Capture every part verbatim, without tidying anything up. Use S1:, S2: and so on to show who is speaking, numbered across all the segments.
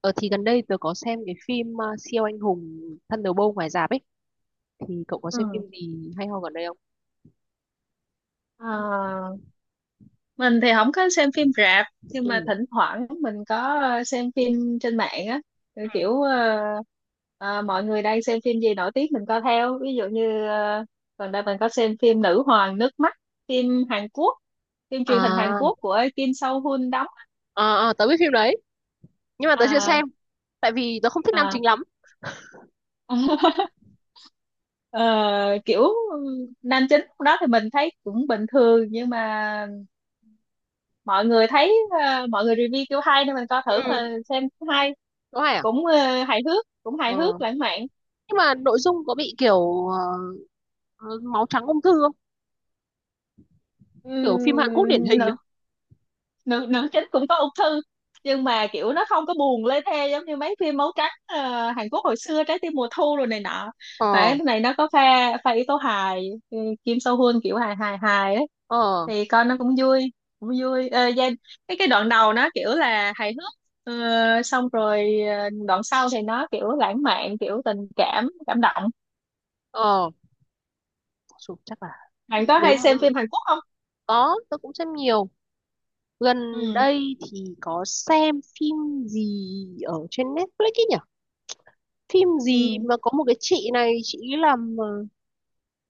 S1: Ờ thì Gần đây tớ có xem cái phim uh, siêu anh hùng Thunderbolt ngoài rạp ấy. Thì cậu có xem phim
S2: Ừ.
S1: gì hay ho gần đây không?
S2: Ờ, mình thì không có xem phim rạp, nhưng
S1: Ừ.
S2: mà thỉnh thoảng mình có ờ, xem phim trên mạng á. Ừ,
S1: Ừ.
S2: kiểu ờ, ờ, Mọi người đang xem phim gì nổi tiếng mình coi theo, ví dụ như ờ, gần đây mình có xem phim Nữ hoàng nước mắt, phim Hàn Quốc, phim truyền hình Hàn
S1: À,
S2: Quốc của Kim Sâu Hun đóng.
S1: à, à tớ biết phim đấy nhưng mà tớ chưa
S2: À,
S1: xem tại vì tớ không thích nam
S2: à.
S1: chính lắm.
S2: Ờ, kiểu nam chính lúc đó thì mình thấy cũng bình thường, nhưng mà mọi người thấy, ờ, mọi người review kiểu hay nên mình coi thử
S1: Ừ.
S2: mà xem hay.
S1: Có hay à?
S2: Cũng ờ, hài hước, cũng hài
S1: Ờ.
S2: hước lãng mạn.
S1: Nhưng mà nội dung có bị kiểu ờ, ờ, máu trắng ung thư không? Kiểu phim Hàn Quốc điển
S2: Ừm,
S1: hình á.
S2: nữ nữ nữ chính cũng có ung thư, nhưng mà kiểu nó không có buồn lê thê giống như mấy phim máu trắng ờ, Hàn Quốc hồi xưa, trái tim mùa thu rồi này nọ. Mà cái
S1: Ờ
S2: này nó có pha, pha yếu tố hài. ừ, Kim So Hyun kiểu hài hài hài ấy,
S1: ờ
S2: thì coi nó cũng vui, cũng vui. Ờ, gia- cái cái đoạn đầu nó kiểu là hài hước. Ờ, xong rồi ờ, đoạn sau thì nó kiểu lãng mạn, kiểu tình cảm cảm động.
S1: ờ Chù, chắc là
S2: Bạn có
S1: nếu
S2: hay
S1: mà
S2: xem phim Hàn Quốc không?
S1: có tớ cũng xem nhiều. Gần
S2: Ừ.
S1: đây thì có xem phim gì ở trên Netflix ấy nhỉ? Phim gì
S2: Ừ.
S1: mà có một cái chị này, chị ấy làm ờ,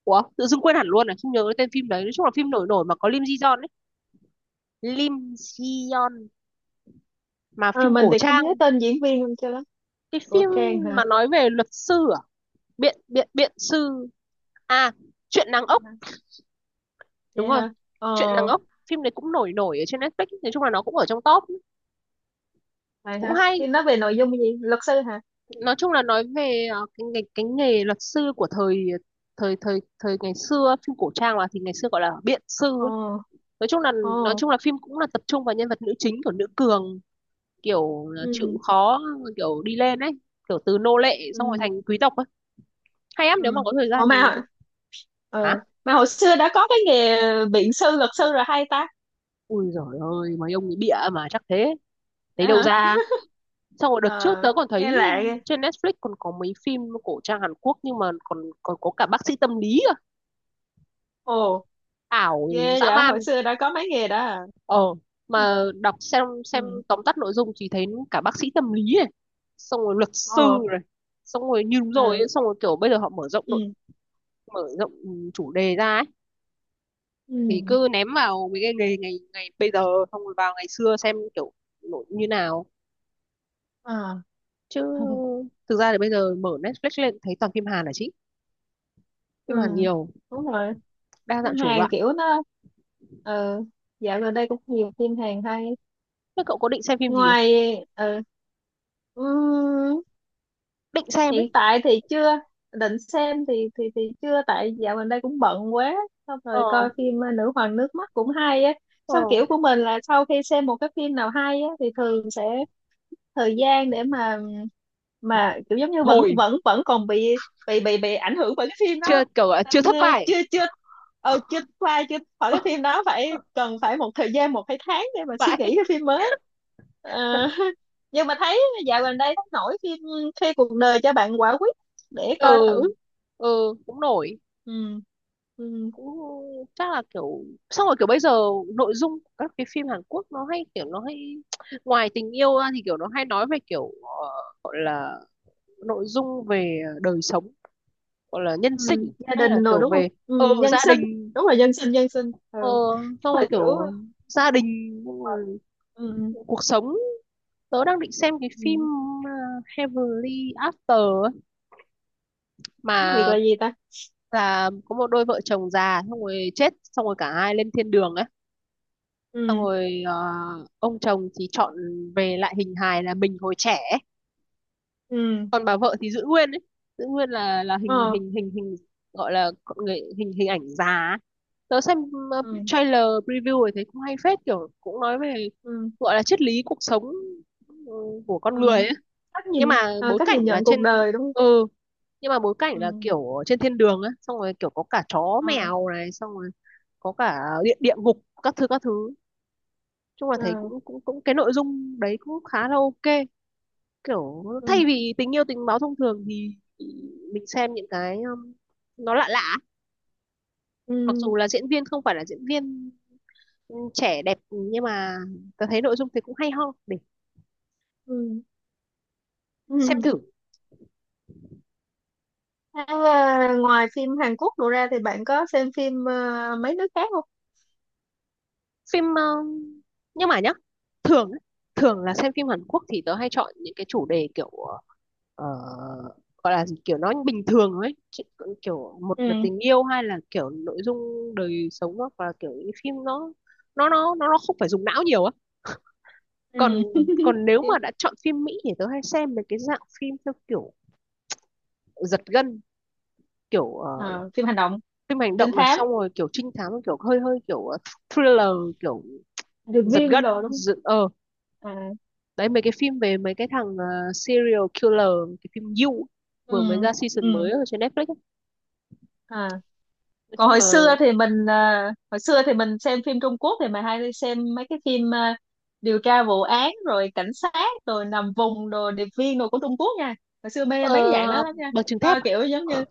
S1: ủa tự dưng quên hẳn luôn, à không nhớ cái tên phim đấy. Nói chung là phim nổi nổi mà có Lim Ji Yeon ấy, Lim Ji Yeon, mà
S2: Ờ,
S1: phim
S2: mình
S1: cổ
S2: thì không
S1: trang,
S2: nhớ tên diễn viên luôn cho lắm.
S1: cái
S2: Của
S1: phim
S2: Trang hả?
S1: mà nói về luật sư à, biện biện biện sư. À, chuyện nàng ốc, đúng
S2: Dạ
S1: rồi,
S2: hả? Ờ.
S1: chuyện nàng ốc. Phim đấy cũng nổi nổi ở trên Netflix, nói chung là nó cũng ở trong top,
S2: Vậy
S1: cũng
S2: hả,
S1: hay.
S2: thì nói về nội dung gì, luật sư hả?
S1: Nói chung là nói về ờ, cái nghề, cái nghề luật sư của thời thời thời thời ngày xưa, phim cổ trang mà, thì ngày xưa gọi là biện sư
S2: Ờ.
S1: ấy. Nói chung là nói
S2: Ờ.
S1: chung là phim cũng là tập trung vào nhân vật nữ chính, của nữ cường, kiểu là chịu
S2: Ừ.
S1: khó, kiểu đi lên ấy, kiểu từ nô lệ xong rồi
S2: Ừ.
S1: thành quý tộc ấy. Hay lắm,
S2: Ừ.
S1: nếu mà có thời gian
S2: Ủa
S1: thì
S2: mà,
S1: kiểu, hả,
S2: ừ mà hồi xưa đã có cái nghề biện sư luật sư rồi hay ta?
S1: ui giời ơi mấy ông ấy bịa mà chắc thế,
S2: Dạ
S1: thấy đâu
S2: hả?
S1: ra. Xong rồi đợt trước
S2: Ờ,
S1: tớ còn
S2: nghe
S1: thấy
S2: lạ ghê.
S1: trên Netflix còn có mấy phim cổ trang Hàn Quốc nhưng mà còn còn có cả bác sĩ tâm lý cơ,
S2: Ồ,
S1: ảo,
S2: ghê
S1: dã
S2: vậy,
S1: man.
S2: hồi xưa đã có mấy nghề đó à?
S1: Ờ,
S2: Ừ.
S1: mà đọc xem xem
S2: Ừ.
S1: tóm tắt nội dung thì thấy cả bác sĩ tâm lý này, xong rồi luật sư
S2: Ồ.
S1: này, xong rồi như đúng rồi
S2: À.
S1: ấy, xong rồi kiểu bây giờ họ mở rộng nội,
S2: Ừ.
S1: mở rộng ừ, chủ đề ra ấy, thì
S2: Ừ.
S1: cứ ném vào mấy cái nghề ngày ngày bây giờ xong rồi vào ngày xưa xem kiểu nội như nào
S2: À.
S1: chứ. Thực ra thì bây giờ mở Netflix lên thấy toàn phim Hàn là chính, phim
S2: Ừ.
S1: Hàn nhiều,
S2: Đúng rồi,
S1: đa
S2: phim
S1: dạng chủng
S2: Hàn
S1: loại.
S2: kiểu nó, ừ, dạo gần đây cũng nhiều phim Hàn hay.
S1: Thế cậu có định xem phim gì không,
S2: Ngoài, ừ, ừm,
S1: định xem ấy?
S2: hiện tại thì chưa định xem, thì thì thì chưa tại dạo gần đây cũng bận quá. Xong
S1: Ờ
S2: rồi coi phim ờ, Nữ hoàng nước mắt cũng hay á.
S1: ờ,
S2: Xong kiểu của mình là sau khi xem một cái phim nào hay á thì thường sẽ thời gian để mà mà kiểu giống như vẫn
S1: hồi
S2: vẫn vẫn còn bị, bị bị bị ảnh hưởng bởi cái phim đó
S1: chưa kiểu là chưa
S2: nên
S1: thất
S2: ờ,
S1: bại
S2: chưa chưa ờ, chưa qua chưa khỏi cái phim đó, phải cần phải một thời gian một hai tháng để mà suy
S1: vậy.
S2: nghĩ cái phim mới. Ờ, nhưng mà thấy dạo gần đây thấy nổi phim khi cuộc đời cho bạn quả quýt, để coi thử.
S1: Ừ, ừ cũng nổi,
S2: Ừ. Ừ.
S1: cũng chắc là kiểu, xong rồi kiểu bây giờ nội dung của các cái phim Hàn Quốc nó hay, kiểu nó hay ngoài tình yêu ra thì kiểu nó hay nói về kiểu ờ, gọi là nội dung về đời sống, gọi là nhân
S2: Ừ.
S1: sinh
S2: Gia
S1: hay là
S2: đình rồi
S1: kiểu
S2: đúng không,
S1: về ờ
S2: ừ, nhân
S1: gia
S2: sinh.
S1: đình.
S2: Đúng rồi, nhân sinh, nhân sinh.
S1: Ờ
S2: Ừ. Chắc
S1: xong rồi
S2: là kiểu.
S1: kiểu gia đình,
S2: Ừ.
S1: ừ, cuộc sống. Tớ đang định xem cái phim
S2: Ừ.
S1: ờ, Heavenly After ấy,
S2: Việc
S1: mà
S2: là gì ta?
S1: là có một đôi vợ chồng già xong rồi chết xong rồi cả hai lên thiên đường ấy. Xong
S2: Ừ.
S1: rồi ờ, ông chồng thì chọn về lại hình hài là mình hồi trẻ ấy.
S2: Ừ.
S1: Còn bà vợ thì giữ nguyên ấy, giữ nguyên là là hình
S2: Ờ.
S1: hình hình hình gọi là con người, hình hình ảnh già ấy. Tớ xem ờ,
S2: Ừ.
S1: trailer preview rồi thấy cũng hay phết, kiểu cũng nói về
S2: Ừ.
S1: gọi là triết lý cuộc sống, ừ, của con người
S2: Ừ.
S1: ấy.
S2: Cách
S1: Nhưng
S2: nhìn,
S1: mà
S2: ờ,
S1: bối
S2: cách
S1: cảnh
S2: nhìn
S1: là
S2: nhận
S1: trên,
S2: cuộc đời đúng không?
S1: ừ, nhưng mà bối cảnh là
S2: Ừ.
S1: kiểu ở trên thiên đường á, xong rồi kiểu có cả chó
S2: Ờ.
S1: mèo này, xong rồi có cả địa địa ngục các thứ các thứ. Chung là
S2: Ờ.
S1: thấy cũng cũng cũng cái nội dung đấy cũng khá là ok, kiểu thay
S2: Ừ.
S1: vì tình yêu tình báo thông thường thì mình xem những cái um, nó lạ lạ,
S2: Ừ.
S1: mặc dù là diễn viên không phải là diễn viên um, trẻ đẹp nhưng mà tôi thấy nội dung thì cũng hay ho để
S2: Ừ.
S1: xem
S2: Ừ.
S1: thử.
S2: Thế, ờ, ngoài phim Hàn Quốc đổ ra thì bạn có xem phim ờ, mấy nước khác không?
S1: Phim ờ, nhưng mà nhá, thường á, thường là xem phim Hàn Quốc thì tớ hay chọn những cái chủ đề kiểu ờ, gọi là gì, kiểu nó bình thường ấy. Chứ kiểu một là
S2: Ừ.
S1: tình yêu hay là kiểu nội dung đời sống, hoặc là kiểu những phim nó nó nó nó nó không phải dùng não nhiều á.
S2: Ừ.
S1: còn còn nếu
S2: Phim-
S1: mà đã chọn phim Mỹ thì tớ hay xem mấy cái dạng phim theo kiểu giật gân, kiểu ờ,
S2: ờ, phim hành động,
S1: phim hành
S2: trinh
S1: động này,
S2: thám,
S1: xong rồi kiểu trinh thám, kiểu hơi hơi kiểu ờ, thriller, kiểu
S2: điệp
S1: giật
S2: viên
S1: gân
S2: đồ đúng không? À.
S1: đấy, mấy cái phim về mấy cái thằng ờ, serial killer. Cái phim You
S2: Ừ.
S1: vừa mới ra season
S2: Ừ.
S1: mới ở trên Netflix ấy.
S2: À.
S1: Nói
S2: Còn
S1: chung
S2: hồi
S1: là
S2: xưa thì mình, ờ, hồi xưa thì mình xem phim Trung Quốc thì mình hay xem mấy cái phim ờ, điều tra vụ án rồi cảnh sát rồi nằm vùng rồi điệp viên đồ của Trung Quốc nha. Hồi xưa mê
S1: ờ,
S2: mấy cái dạng đó lắm nha.
S1: bằng chứng thép
S2: Coi
S1: à?
S2: kiểu giống như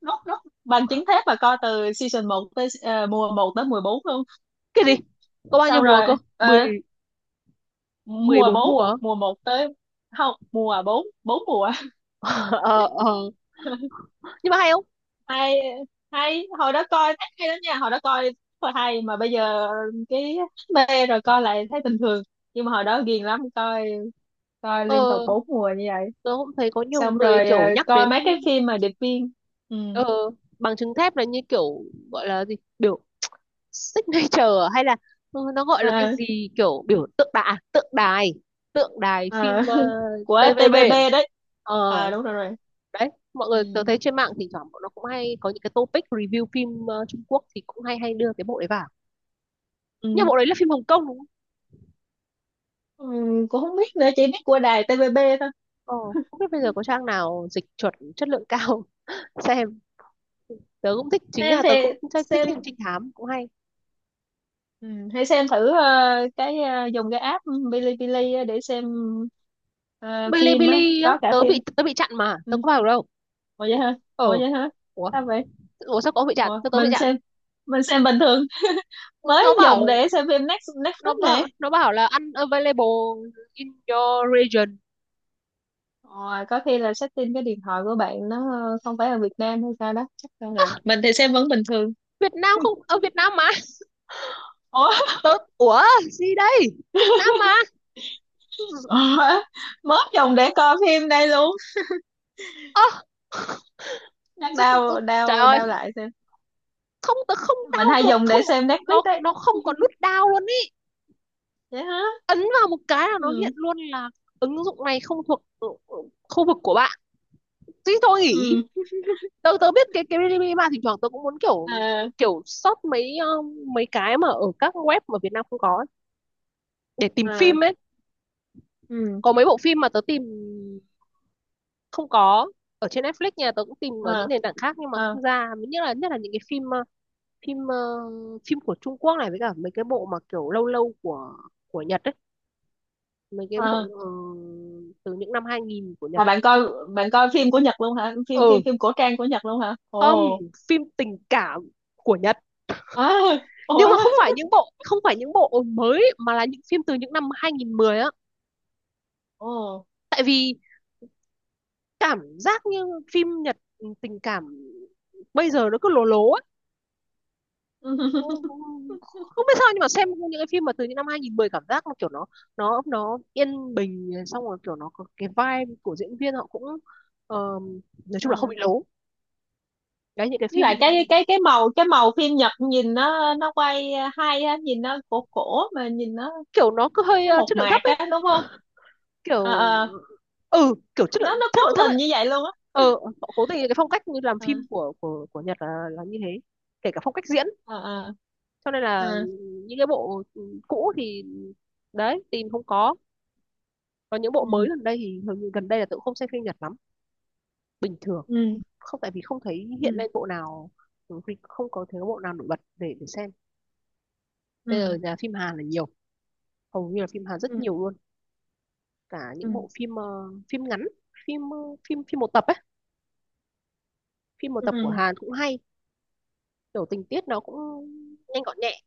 S2: nốt nốt bằng chứng thép, và coi từ season một tới ờ, mùa một tới mùa bốn luôn.
S1: Cái gì, có bao nhiêu
S2: Xong
S1: mùa
S2: rồi
S1: cơ, mười,
S2: ờ,
S1: mười
S2: mùa
S1: bốn mùa
S2: bốn
S1: á?
S2: mùa một tới, không, mùa bốn, bốn mùa.
S1: Ờ ờ, nhưng mà hay không?
S2: Hay, hay, hồi đó coi thấy hay lắm nha, hồi đó coi rất là hay, mà bây giờ cái mê rồi coi lại thấy bình thường, nhưng mà hồi đó ghiền lắm, coi, coi liên tục
S1: Ờ,
S2: bốn mùa như vậy.
S1: tớ cũng thấy có nhiều
S2: Xong
S1: người
S2: rồi ờ,
S1: kiểu nhắc
S2: coi
S1: đến
S2: mấy cái phim mà điệp viên. Ừ.
S1: ờ, bằng chứng thép, là như kiểu gọi là gì, biểu signature à? Hay là ừ, nó gọi là cái
S2: Ờ.
S1: gì, kiểu biểu, tượng đài tượng đài tượng đài
S2: Ờ.
S1: phim ờ,
S2: Của
S1: tê vê bê.
S2: tê vê bê đấy.
S1: Ờ
S2: À đúng rồi, rồi.
S1: đấy, mọi người
S2: Ừ.
S1: tớ thấy trên mạng thỉnh thoảng bọn nó cũng hay có những cái topic review phim ờ, Trung Quốc thì cũng hay hay đưa cái bộ đấy vào. Nhưng
S2: Ừ.
S1: bộ đấy là phim Hồng Kông đúng không?
S2: Ừ. Cũng không biết nữa, chỉ biết của đài tê vê bê thôi.
S1: Ờ, không biết bây giờ có trang nào dịch chuẩn chất lượng cao xem. Tớ cũng thích, chính
S2: Xem
S1: là
S2: thì
S1: tớ cũng thích, thích
S2: xem.
S1: xem trinh thám cũng hay.
S2: Ừ, hãy xem thử ờ, cái, ờ, dùng cái app Bilibili á để xem ờ, phim á,
S1: Bilibili á,
S2: có cả
S1: tớ
S2: phim.
S1: bị, tớ bị chặn mà tớ
S2: Ừ.
S1: có vào được đâu.
S2: Ủa vậy hả? Ủa
S1: Ờ,
S2: vậy hả?
S1: ủa,
S2: Sao vậy?
S1: ủa sao có bị chặn,
S2: Ủa,
S1: tớ tớ bị
S2: mình
S1: chặn.
S2: xem, mình xem bình thường.
S1: Ờ,
S2: Mới
S1: nó
S2: dùng
S1: bảo,
S2: để xem phim Next- Netflix
S1: nó
S2: này.
S1: bảo nó bảo là unavailable in your region.
S2: Ồ, có khi là setting cái điện thoại của bạn nó ờ, không phải ở Việt Nam hay sao đó, chắc đâu, là mình thì xem vẫn bình thường.
S1: Việt Nam, không ở Việt Nam mà
S2: Ủa,
S1: tớ, ủa gì đây, Việt Nam mà.
S2: ủa? Mới dùng để coi phim đây luôn,
S1: Ơ,
S2: chắc
S1: tr- tr- tr-
S2: đau
S1: trời
S2: đau
S1: ơi,
S2: đau lại xem.
S1: không tớ không
S2: Mình
S1: đau
S2: hay
S1: được
S2: dùng
S1: không,
S2: để xem Netflix
S1: nó
S2: đấy.
S1: nó không có nút đau luôn ý,
S2: Vậy hả?
S1: ấn vào một cái là nó hiện
S2: Ừ.
S1: luôn là ứng dụng này không thuộc ừ, ừ, khu vực của bạn. Thế thì thôi nghỉ.
S2: Ừ.
S1: Tớ tớ biết cái cái Bilibili mà thỉnh thoảng tớ cũng muốn kiểu,
S2: À.
S1: kiểu search mấy ờ, mấy cái mà ở các web mà Việt Nam không có ấy, để tìm
S2: À.
S1: phim ấy.
S2: Ừ.
S1: Có mấy bộ phim mà tớ tìm không có ở trên Netflix nhà, tớ cũng tìm ở những
S2: À.
S1: nền tảng khác nhưng mà
S2: À.
S1: không ra, nhất là nhất là những cái phim ờ, phim ờ, phim của Trung Quốc này với cả mấy cái bộ mà kiểu lâu lâu của của Nhật ấy, mấy cái bộ
S2: À.
S1: ờ, từ những năm hai nghìn của Nhật.
S2: À. Bạn coi, bạn coi phim của Nhật luôn hả, phim
S1: Ừ,
S2: phim phim cổ trang của Nhật luôn hả?
S1: không,
S2: Ồ.
S1: phim tình cảm của Nhật,
S2: À. Ồ.
S1: nhưng mà không phải những bộ, không phải những bộ mới mà là những phim từ những năm hai nghìn không trăm mười á.
S2: Ồ.
S1: Tại vì cảm giác như phim Nhật tình cảm bây giờ nó cứ lố lố ấy. Cũng- không biết sao nhưng mà xem những cái phim mà từ những năm hai nghìn không trăm mười cảm giác nó kiểu nó nó nó yên bình, xong rồi kiểu nó có cái vibe của diễn viên họ cũng ờ, nói chung là không
S2: Ừ.
S1: bị lố. cái những cái
S2: Với
S1: phim
S2: lại cái cái cái màu, cái màu phim Nhật nhìn nó nó quay hay á, nhìn nó cổ cổ, mà nhìn nó
S1: kiểu nó cứ hơi
S2: nó
S1: ờ,
S2: mộc
S1: chất lượng thấp
S2: mạc
S1: ấy,
S2: á đúng không? À,
S1: kiểu
S2: à,
S1: ừ kiểu chất
S2: nó
S1: lượng
S2: nó cố
S1: chất lượng thấp
S2: tình
S1: ấy.
S2: như vậy luôn á.
S1: Ờ, họ cố tình cái phong cách như làm
S2: À,
S1: phim của của của Nhật là là như thế, kể cả phong cách diễn,
S2: à,
S1: cho nên là
S2: à.
S1: những cái bộ cũ thì đấy tìm không có. Còn những bộ
S2: Ừ.
S1: mới gần đây thì hầu như gần đây là tự không xem phim Nhật lắm, bình thường.
S2: Ừ.
S1: Không tại vì không thấy hiện
S2: Ừ.
S1: lên bộ nào, không có thấy bộ nào nổi bật để để xem. Bây giờ
S2: Ừ.
S1: nhà phim Hàn là nhiều, hầu như là phim Hàn rất
S2: Ừ.
S1: nhiều luôn. Cả
S2: Ừ.
S1: những bộ phim uh, phim ngắn, phim uh, phim, phim một tập ấy, phim một tập của
S2: ừ,
S1: Hàn cũng hay, kiểu tình tiết nó cũng nhanh gọn nhẹ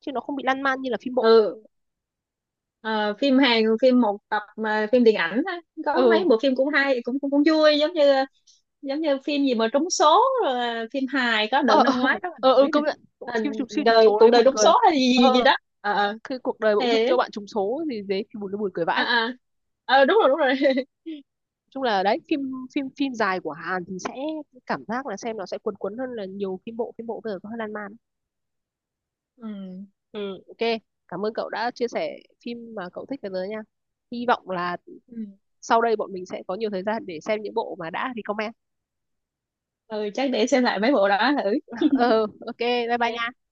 S1: chứ nó không bị lan man như là phim bộ.
S2: ừ. Ờ, phim Hàn phim một tập mà phim điện ảnh á, có
S1: Ừ
S2: mấy bộ phim cũng hay, cũng cũng, cũng vui, giống như giống như phim gì mà trúng số rồi, là phim hài có đợt
S1: ờ
S2: năm
S1: ờ,
S2: ngoái rất là
S1: ờ ờ
S2: nổi nè.
S1: công nhận,
S2: Ờ,
S1: phim trùng siêu trùng
S2: đời
S1: số
S2: cuộc
S1: đấy
S2: đời
S1: buồn
S2: trúng
S1: cười.
S2: số hay gì
S1: Ờ,
S2: gì, gì đó. Ờ. Ờ.
S1: cái cuộc đời bỗng dưng cho
S2: Thế
S1: bạn trùng số thì thế thì buồn, nó buồn cười
S2: à,
S1: vãi.
S2: à. Ờ, đúng rồi, đúng rồi.
S1: Chung là đấy phim, phim phim dài của Hàn thì sẽ cảm giác là xem nó sẽ cuốn cuốn hơn, là nhiều phim bộ, phim bộ bây giờ có hơi lan man.
S2: Ừ.
S1: ừ, ok, cảm ơn cậu đã chia sẻ phim mà cậu thích với tớ nha. Hy vọng là
S2: Ừ.
S1: sau đây bọn mình sẽ có nhiều thời gian để xem những bộ mà đã recommend.
S2: Ừ chắc để xem lại mấy bộ đó thử.
S1: Ừ, ok bye bye
S2: Ok.
S1: nha.